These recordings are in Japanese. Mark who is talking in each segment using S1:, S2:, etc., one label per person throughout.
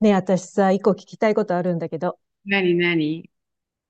S1: ねえ、私さ、一個聞きたいことあるんだけど、
S2: なになに。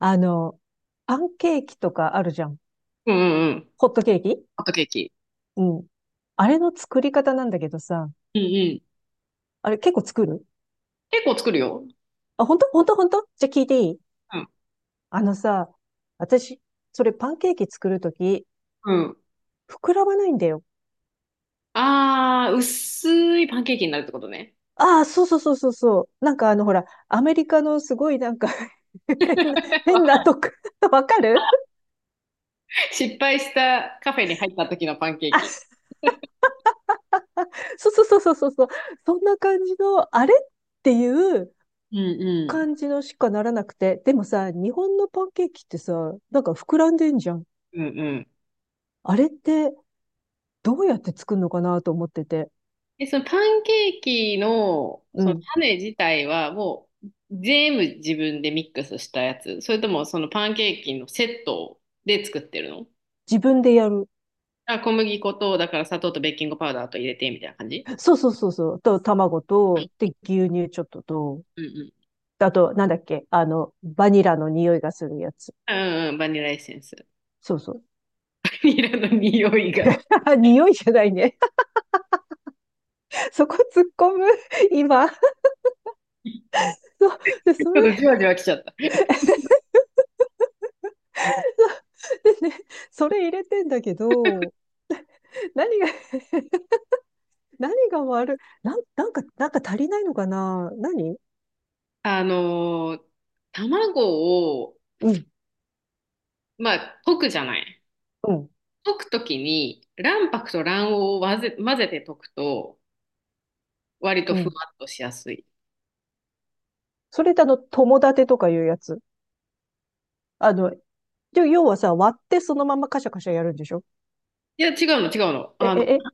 S1: あの、パンケーキとかあるじゃん。
S2: うんうんうん。
S1: ホットケーキ。
S2: ホットケーキ。
S1: うん。あれの作り方なんだけどさ、
S2: うんうん。
S1: あれ結構作る？
S2: 結構作るよ。
S1: あ、本当本当本当。じゃあ聞いていい？
S2: うん。
S1: あのさ、私、それパンケーキ作るとき、
S2: うん。
S1: 膨らまないんだよ。
S2: あー、薄いパンケーキになるってことね。
S1: ああ、そうそうそうそうそう。なんかほら、アメリカのすごいなんか 変な、変な とこ わかる？
S2: 失敗したカフェに入った時のパンケー
S1: あ、
S2: キ。
S1: そうそうそうそうそうそう。そんな感じの、あれっていう、
S2: うんうん。
S1: 感じのしかならなくて、でもさ、日本のパンケーキってさ、なんか膨らんでんじゃん。
S2: うんうん。
S1: あれってどうやって作るのかなと思ってて。
S2: で、そのパンケーキの、
S1: う
S2: その
S1: ん。
S2: 種自体はもう全部自分でミックスしたやつ。それともそのパンケーキのセットで作ってるの？
S1: 自分でやる。
S2: あ、小麦粉と、だから砂糖とベーキングパウダーと入れてみたいな感じ？
S1: そうそうそうそう。と、卵と、で、牛乳ちょっとと、
S2: うん
S1: あと、なんだっけ、バニラの匂いがするやつ。
S2: うんうん、バニラエッセンス。
S1: そうそう。
S2: バニラの匂いが、ち
S1: 匂いじゃないね。そこ突っ込む、今。そう。で、そ
S2: ょっとじ
S1: れ
S2: わじわきちゃった。
S1: でね、それ入れてんだけど、何が、何が悪い、なんか足りないのかな、何？
S2: あのー卵を、
S1: うん、
S2: まあ、溶くじゃない。
S1: うん、
S2: 溶くときに、卵白と卵黄を混ぜて溶くと、割と
S1: う
S2: ふ
S1: ん。
S2: わっとしやすい。
S1: それだ友達とかいうやつ。あの、で要はさ、割ってそのままカシャカシャやるんでしょ？
S2: いや、違うの、違うの。
S1: え、え、え、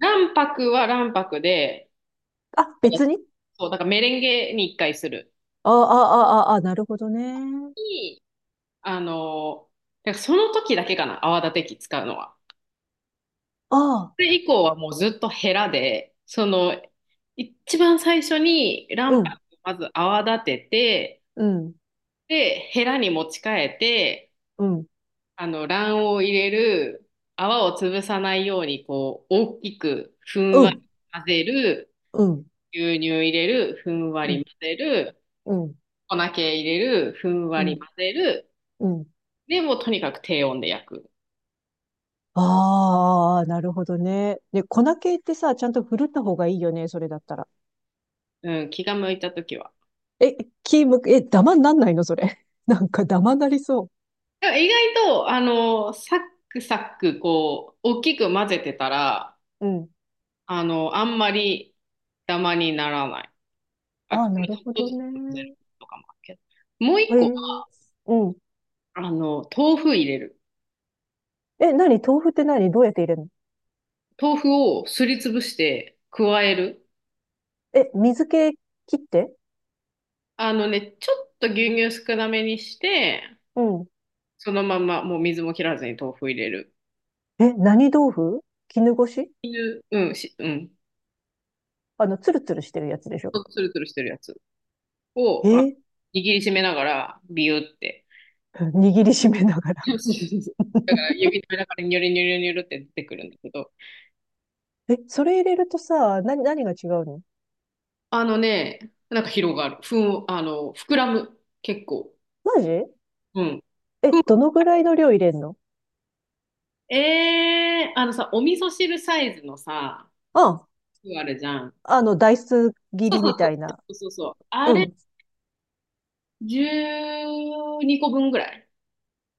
S2: 卵白は卵白で、
S1: あ、別に。
S2: そう、だからメレンゲに一回する。
S1: ああ、ああ、ああ、なるほどね。
S2: に、あのーだからその時だけかな、泡立て器使うのは。
S1: ああ、
S2: それ以降はもうずっとヘラで、一番最初に
S1: う
S2: 卵
S1: ん、
S2: 白をまず泡立てて、
S1: うん、
S2: で、ヘラに持ち替えて、
S1: うん、
S2: 卵黄を入れる、泡を潰さないように、こう、大きくふん
S1: う
S2: わり
S1: ん、
S2: 混ぜる、
S1: うん、
S2: 牛乳入れる、ふんわ
S1: う
S2: り
S1: ん、
S2: 混ぜる、
S1: うん、
S2: 粉系入れる、ふん
S1: う
S2: わり
S1: ん、
S2: 混ぜる、
S1: うん。
S2: で、もうとにかく低温で焼く。
S1: ああ、なるほどね。で、粉系ってさ、ちゃんと振るった方がいいよね、それだったら。
S2: うん、気が向いたときは。
S1: え、キーム、え、ダマになんないの、それ？なんかダマなりそ
S2: でも意外と、サックサック、こう、大きく混ぜてたら、
S1: う。うん。
S2: あんまりダマにならない。あ、ち
S1: あ
S2: ょっ
S1: あ、なるほ
S2: と
S1: ど
S2: ずつ混ぜる
S1: ね。
S2: とかもあるけど。もう一
S1: え
S2: 個、
S1: え、うん。
S2: 豆腐入れる。
S1: え、何、豆腐って？何どうやって入れるの？
S2: 豆腐をすりつぶして加える。
S1: え、水気切って？
S2: あのね、ちょっと牛乳少なめにして、
S1: うん。
S2: そのままもう水も切らずに豆腐入れる。
S1: え、何豆腐、絹ごし？
S2: いううん、し、うん。
S1: ツルツルしてるやつでしょ？
S2: つるつるしてるやつを、あ、
S1: え、
S2: 握りしめながら、ビューって。
S1: 握りしめながら？
S2: そうそうそう。だから指の間からニョロニョロニョロって出てくるんだけど、
S1: え、それ入れるとさ、何が違うの？
S2: あのね、なんか広がる。ふん、あの、膨らむ。結構。
S1: マジ？
S2: うん。
S1: え、
S2: ふ
S1: どのぐらいの量入れんの？
S2: ん、えー、あのさ、お味噌汁サイズのさ、
S1: あ、
S2: あるじゃん。
S1: ダイス切
S2: そう
S1: り
S2: そう
S1: み
S2: そう。
S1: たいな。
S2: そうそうそう。あ
S1: う
S2: れ、
S1: ん。
S2: 12個分ぐらい。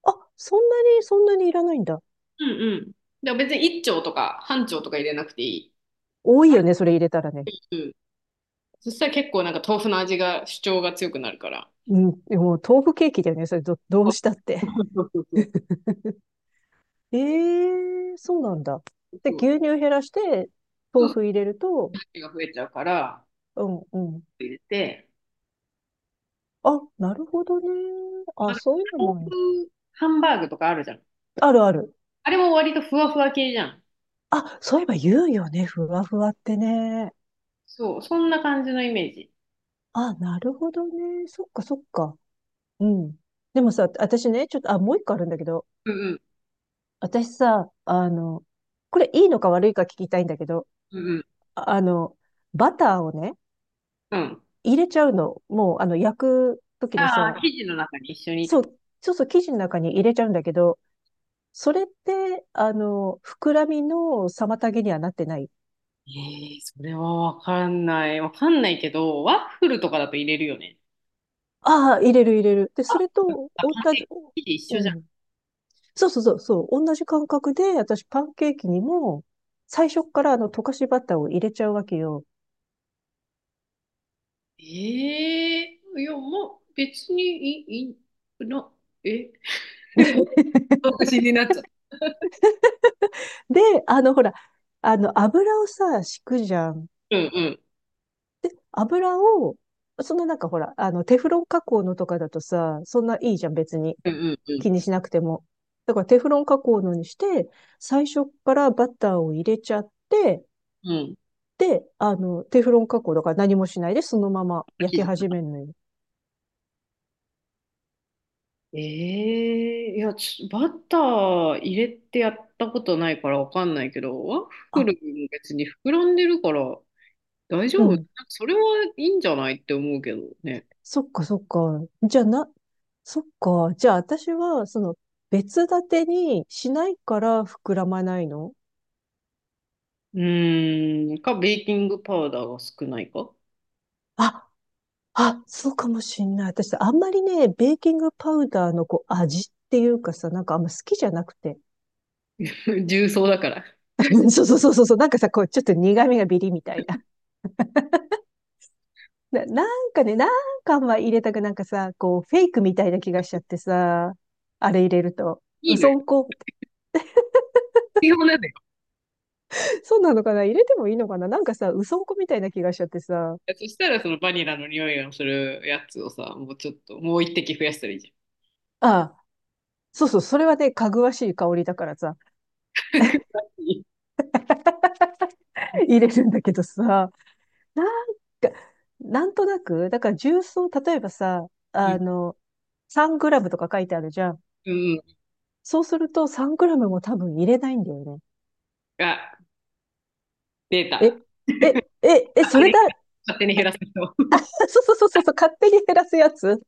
S1: あ、そんなに、そんなにいらないんだ。
S2: うんうん。でも別に1丁とか半丁とか入れなくていい。
S1: 多いよね、それ入れたらね。
S2: うん。そしたら結構なんか豆腐の味が主張が強くなるから。
S1: うん。もう豆腐ケーキだよね、それど、ど
S2: そ
S1: う
S2: う
S1: したって。
S2: そうそうそう。
S1: ええ、そうなんだ。で、
S2: そう
S1: 牛乳減らして、
S2: そ
S1: 豆
S2: うそう。
S1: 腐入れると、
S2: 味が増えちゃうから、
S1: うん、うん。
S2: 入れて、
S1: あ、なるほどね。あ、そういうの
S2: 豆
S1: もある。
S2: 腐ハンバーグとかあるじゃん。
S1: あるある。
S2: あれも割とふわふわ系じゃん。
S1: あ、そういえば言うよね。ふわふわってね。
S2: そう、そんな感じのイメージ。
S1: あ、なるほどね。そっか、そっか。うん。でもさ、私ね、ちょっと、あ、もう一個あるんだけど、
S2: うん
S1: 私さ、これいいのか悪いか聞きたいんだけど、
S2: うん、うんうん、
S1: ああの、バターをね、
S2: うん。
S1: 入れちゃうの。もう、焼く時の
S2: あ
S1: さ、
S2: あ、生地の中に一緒にって
S1: そ
S2: こと。
S1: う、そうそう、生地の中に入れちゃうんだけど、それって、膨らみの妨げにはなってない？
S2: ええ、それはわかんない。わかんないけど、ワッフルとかだと入れるよね。
S1: ああ、入れる入れる。で、それと、
S2: あ、パン
S1: 同じ、
S2: 生地一
S1: う
S2: 緒じゃん。
S1: ん。そうそうそう、そう、同じ感覚で、私パンケーキにも、最初っから溶かしバターを入れちゃうわけよ。
S2: ええいや、もう別にいい、いいな、え、 独身になっちゃった。
S1: で、ほら、油をさ、敷くじゃん。
S2: うんうん、
S1: 油を、そのなんかほら、テフロン加工のとかだとさ、そんないいじゃん、別に。
S2: うんうん、
S1: 気に
S2: う
S1: しなくても。だからテフロン加工のにして、最初からバターを入れちゃって、
S2: ん、うん。
S1: で、テフロン加工だから何もしないで、そのまま焼
S2: 生
S1: き
S2: 地。
S1: 始めるのよ。
S2: ええいや、バター入れてやったことないからわかんないけど、ワッフ
S1: あ、
S2: ルも別に膨らんでるから大丈
S1: う
S2: 夫なんか？
S1: ん。
S2: それはいいんじゃないって思うけどね。
S1: そっかそっか。じゃあな、そっか。じゃあ私は、別立てにしないから膨らまないの？
S2: うーん、ベーキングパウダーが少ないか。
S1: あ、あ、そうかもしんない。私、あんまりね、ベーキングパウダーのこう味っていうかさ、なんかあんま好きじゃなくて。
S2: 重曹だから。
S1: そうそうそうそうそう。なんかさ、こう、ちょっと苦味がビリみたいな。なんかね、なんかあんま入れたくなんかさ、こう、フェイクみたいな気がしちゃってさ、あれ入れると。
S2: い
S1: う
S2: いの
S1: そ
S2: よ。
S1: んこ、
S2: 必要なのよ。
S1: そうなのかな？入れてもいいのかな？なんかさ、うそんこみたいな気がしちゃってさ。
S2: そしたらそのバニラの匂いがするやつをさ、もうちょっと、もう一滴増やしたらいいじゃ
S1: ああ、そうそう、それはね、かぐわしい香りだからさ、
S2: ん。
S1: 入れるんだけどさ。なんか、なんとなく、だから重曹、例えばさ、
S2: う
S1: あ
S2: ん、
S1: の、3グラムとか書いてあるじゃん。
S2: うん、
S1: そうすると3グラムも多分入れないんだよね。
S2: あ、出
S1: え、
S2: た。
S1: え、え、え、
S2: 勝
S1: そ
S2: 手
S1: れ
S2: に、
S1: だ。
S2: 勝手に減らす人。
S1: そうそうそうそうそう、勝手に減らすやつ。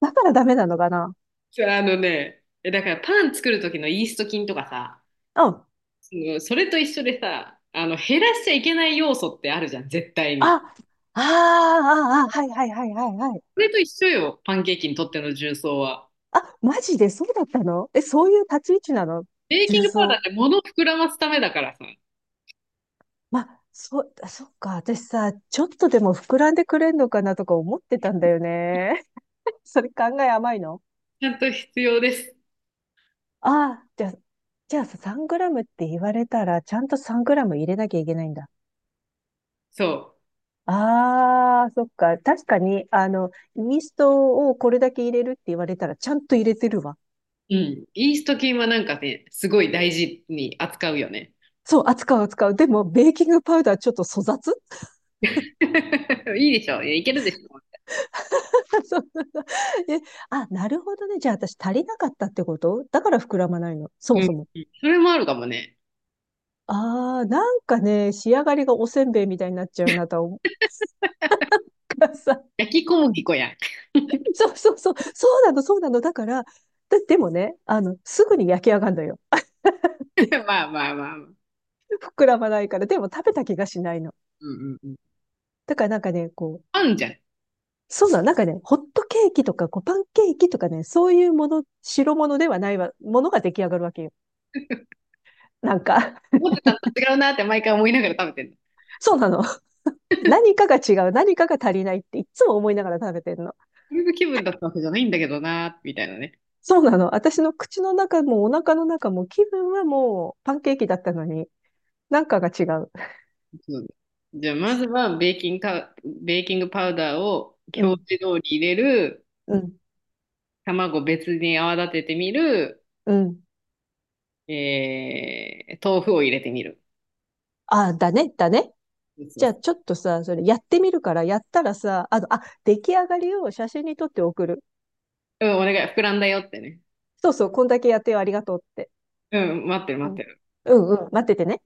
S1: だからダメなのかな？
S2: そう。あのね、だからパン作る時のイースト菌とかさ、
S1: うん。あ、
S2: それと一緒でさ、減らしちゃいけない要素ってあるじゃん、絶対
S1: あ
S2: に。
S1: あ、ああ、はいはいはいはいはい。
S2: それと一緒よ、パンケーキにとっての重曹は。
S1: あ、マジでそうだったの？え、そういう立ち位置なの、
S2: ベーキン
S1: 重
S2: グパウダーっ
S1: 曹？
S2: て物を膨らますためだからさ、
S1: まあ、そう、あそっか。私さ、ちょっとでも膨らんでくれんのかなとか思ってたんだよね。それ考え甘いの？
S2: ちゃんと必要です。
S1: ああ、じゃあ、さ、3グラムって言われたら、ちゃんと3グラム入れなきゃいけないんだ。
S2: そ
S1: ああ、そっか。確かに、イーストをこれだけ入れるって言われたら、ちゃんと入れてるわ。
S2: う。うん。イースト菌はなんかね、すごい大事に扱うよね。
S1: そう、扱う扱う。でも、ベーキングパウダーちょっと粗雑。
S2: いいでしょ、いやいけるでしょ。
S1: そなえあ、なるほどね。じゃあ私足りなかったってことだから膨らまないの。そも
S2: うん。
S1: そも。
S2: それもあるかもね。
S1: ああ、なんかね、仕上がりがおせんべいみたいになっちゃうなと思うからさ。
S2: 焼き小麦粉やん。
S1: そうそうそう、そうなの、そうなの。だから、だでもね、すぐに焼き上がるのよ。
S2: まあまあまあまあ。うん
S1: 膨らまないから、でも食べた気がしないの。
S2: うんうん。
S1: だからなんかね、こう、
S2: パンじゃん。
S1: そうなの、なんかね、ホットケーキとか、こう、パンケーキとかね、そういうもの、白物ではないわ、ものが出来上がるわけよ。なんか、
S2: 思ってたのと違うなって毎回思いながら食べてるの。
S1: そうなの。何かが違う、何かが足りないっていつも思いながら食べてるの。
S2: これの気分だったわけじゃないんだけどな、みたいなね。
S1: そうなの。私の口の中もお腹の中も気分はもうパンケーキだったのに、なんかが違う。
S2: そう。じゃあ、まずはベーキングパウダーを
S1: う
S2: 表
S1: ん、
S2: 示通り入れる、
S1: うん、
S2: 卵別に泡立ててみる、
S1: うん。
S2: 豆腐を入れてみる。
S1: ああ、だね、だね。
S2: そうそ
S1: じ
S2: う
S1: ゃあ、
S2: そ
S1: ちょっとさ、それやってみるから、やったらさ、あ、出来上がりを写真に撮って送る。
S2: う。うん、お願い、膨らんだよってね。
S1: そうそう、こんだけやってよ、ありがとうって。
S2: うん、待ってる
S1: う
S2: 待って
S1: ん。
S2: る。
S1: うんうん、待っててね。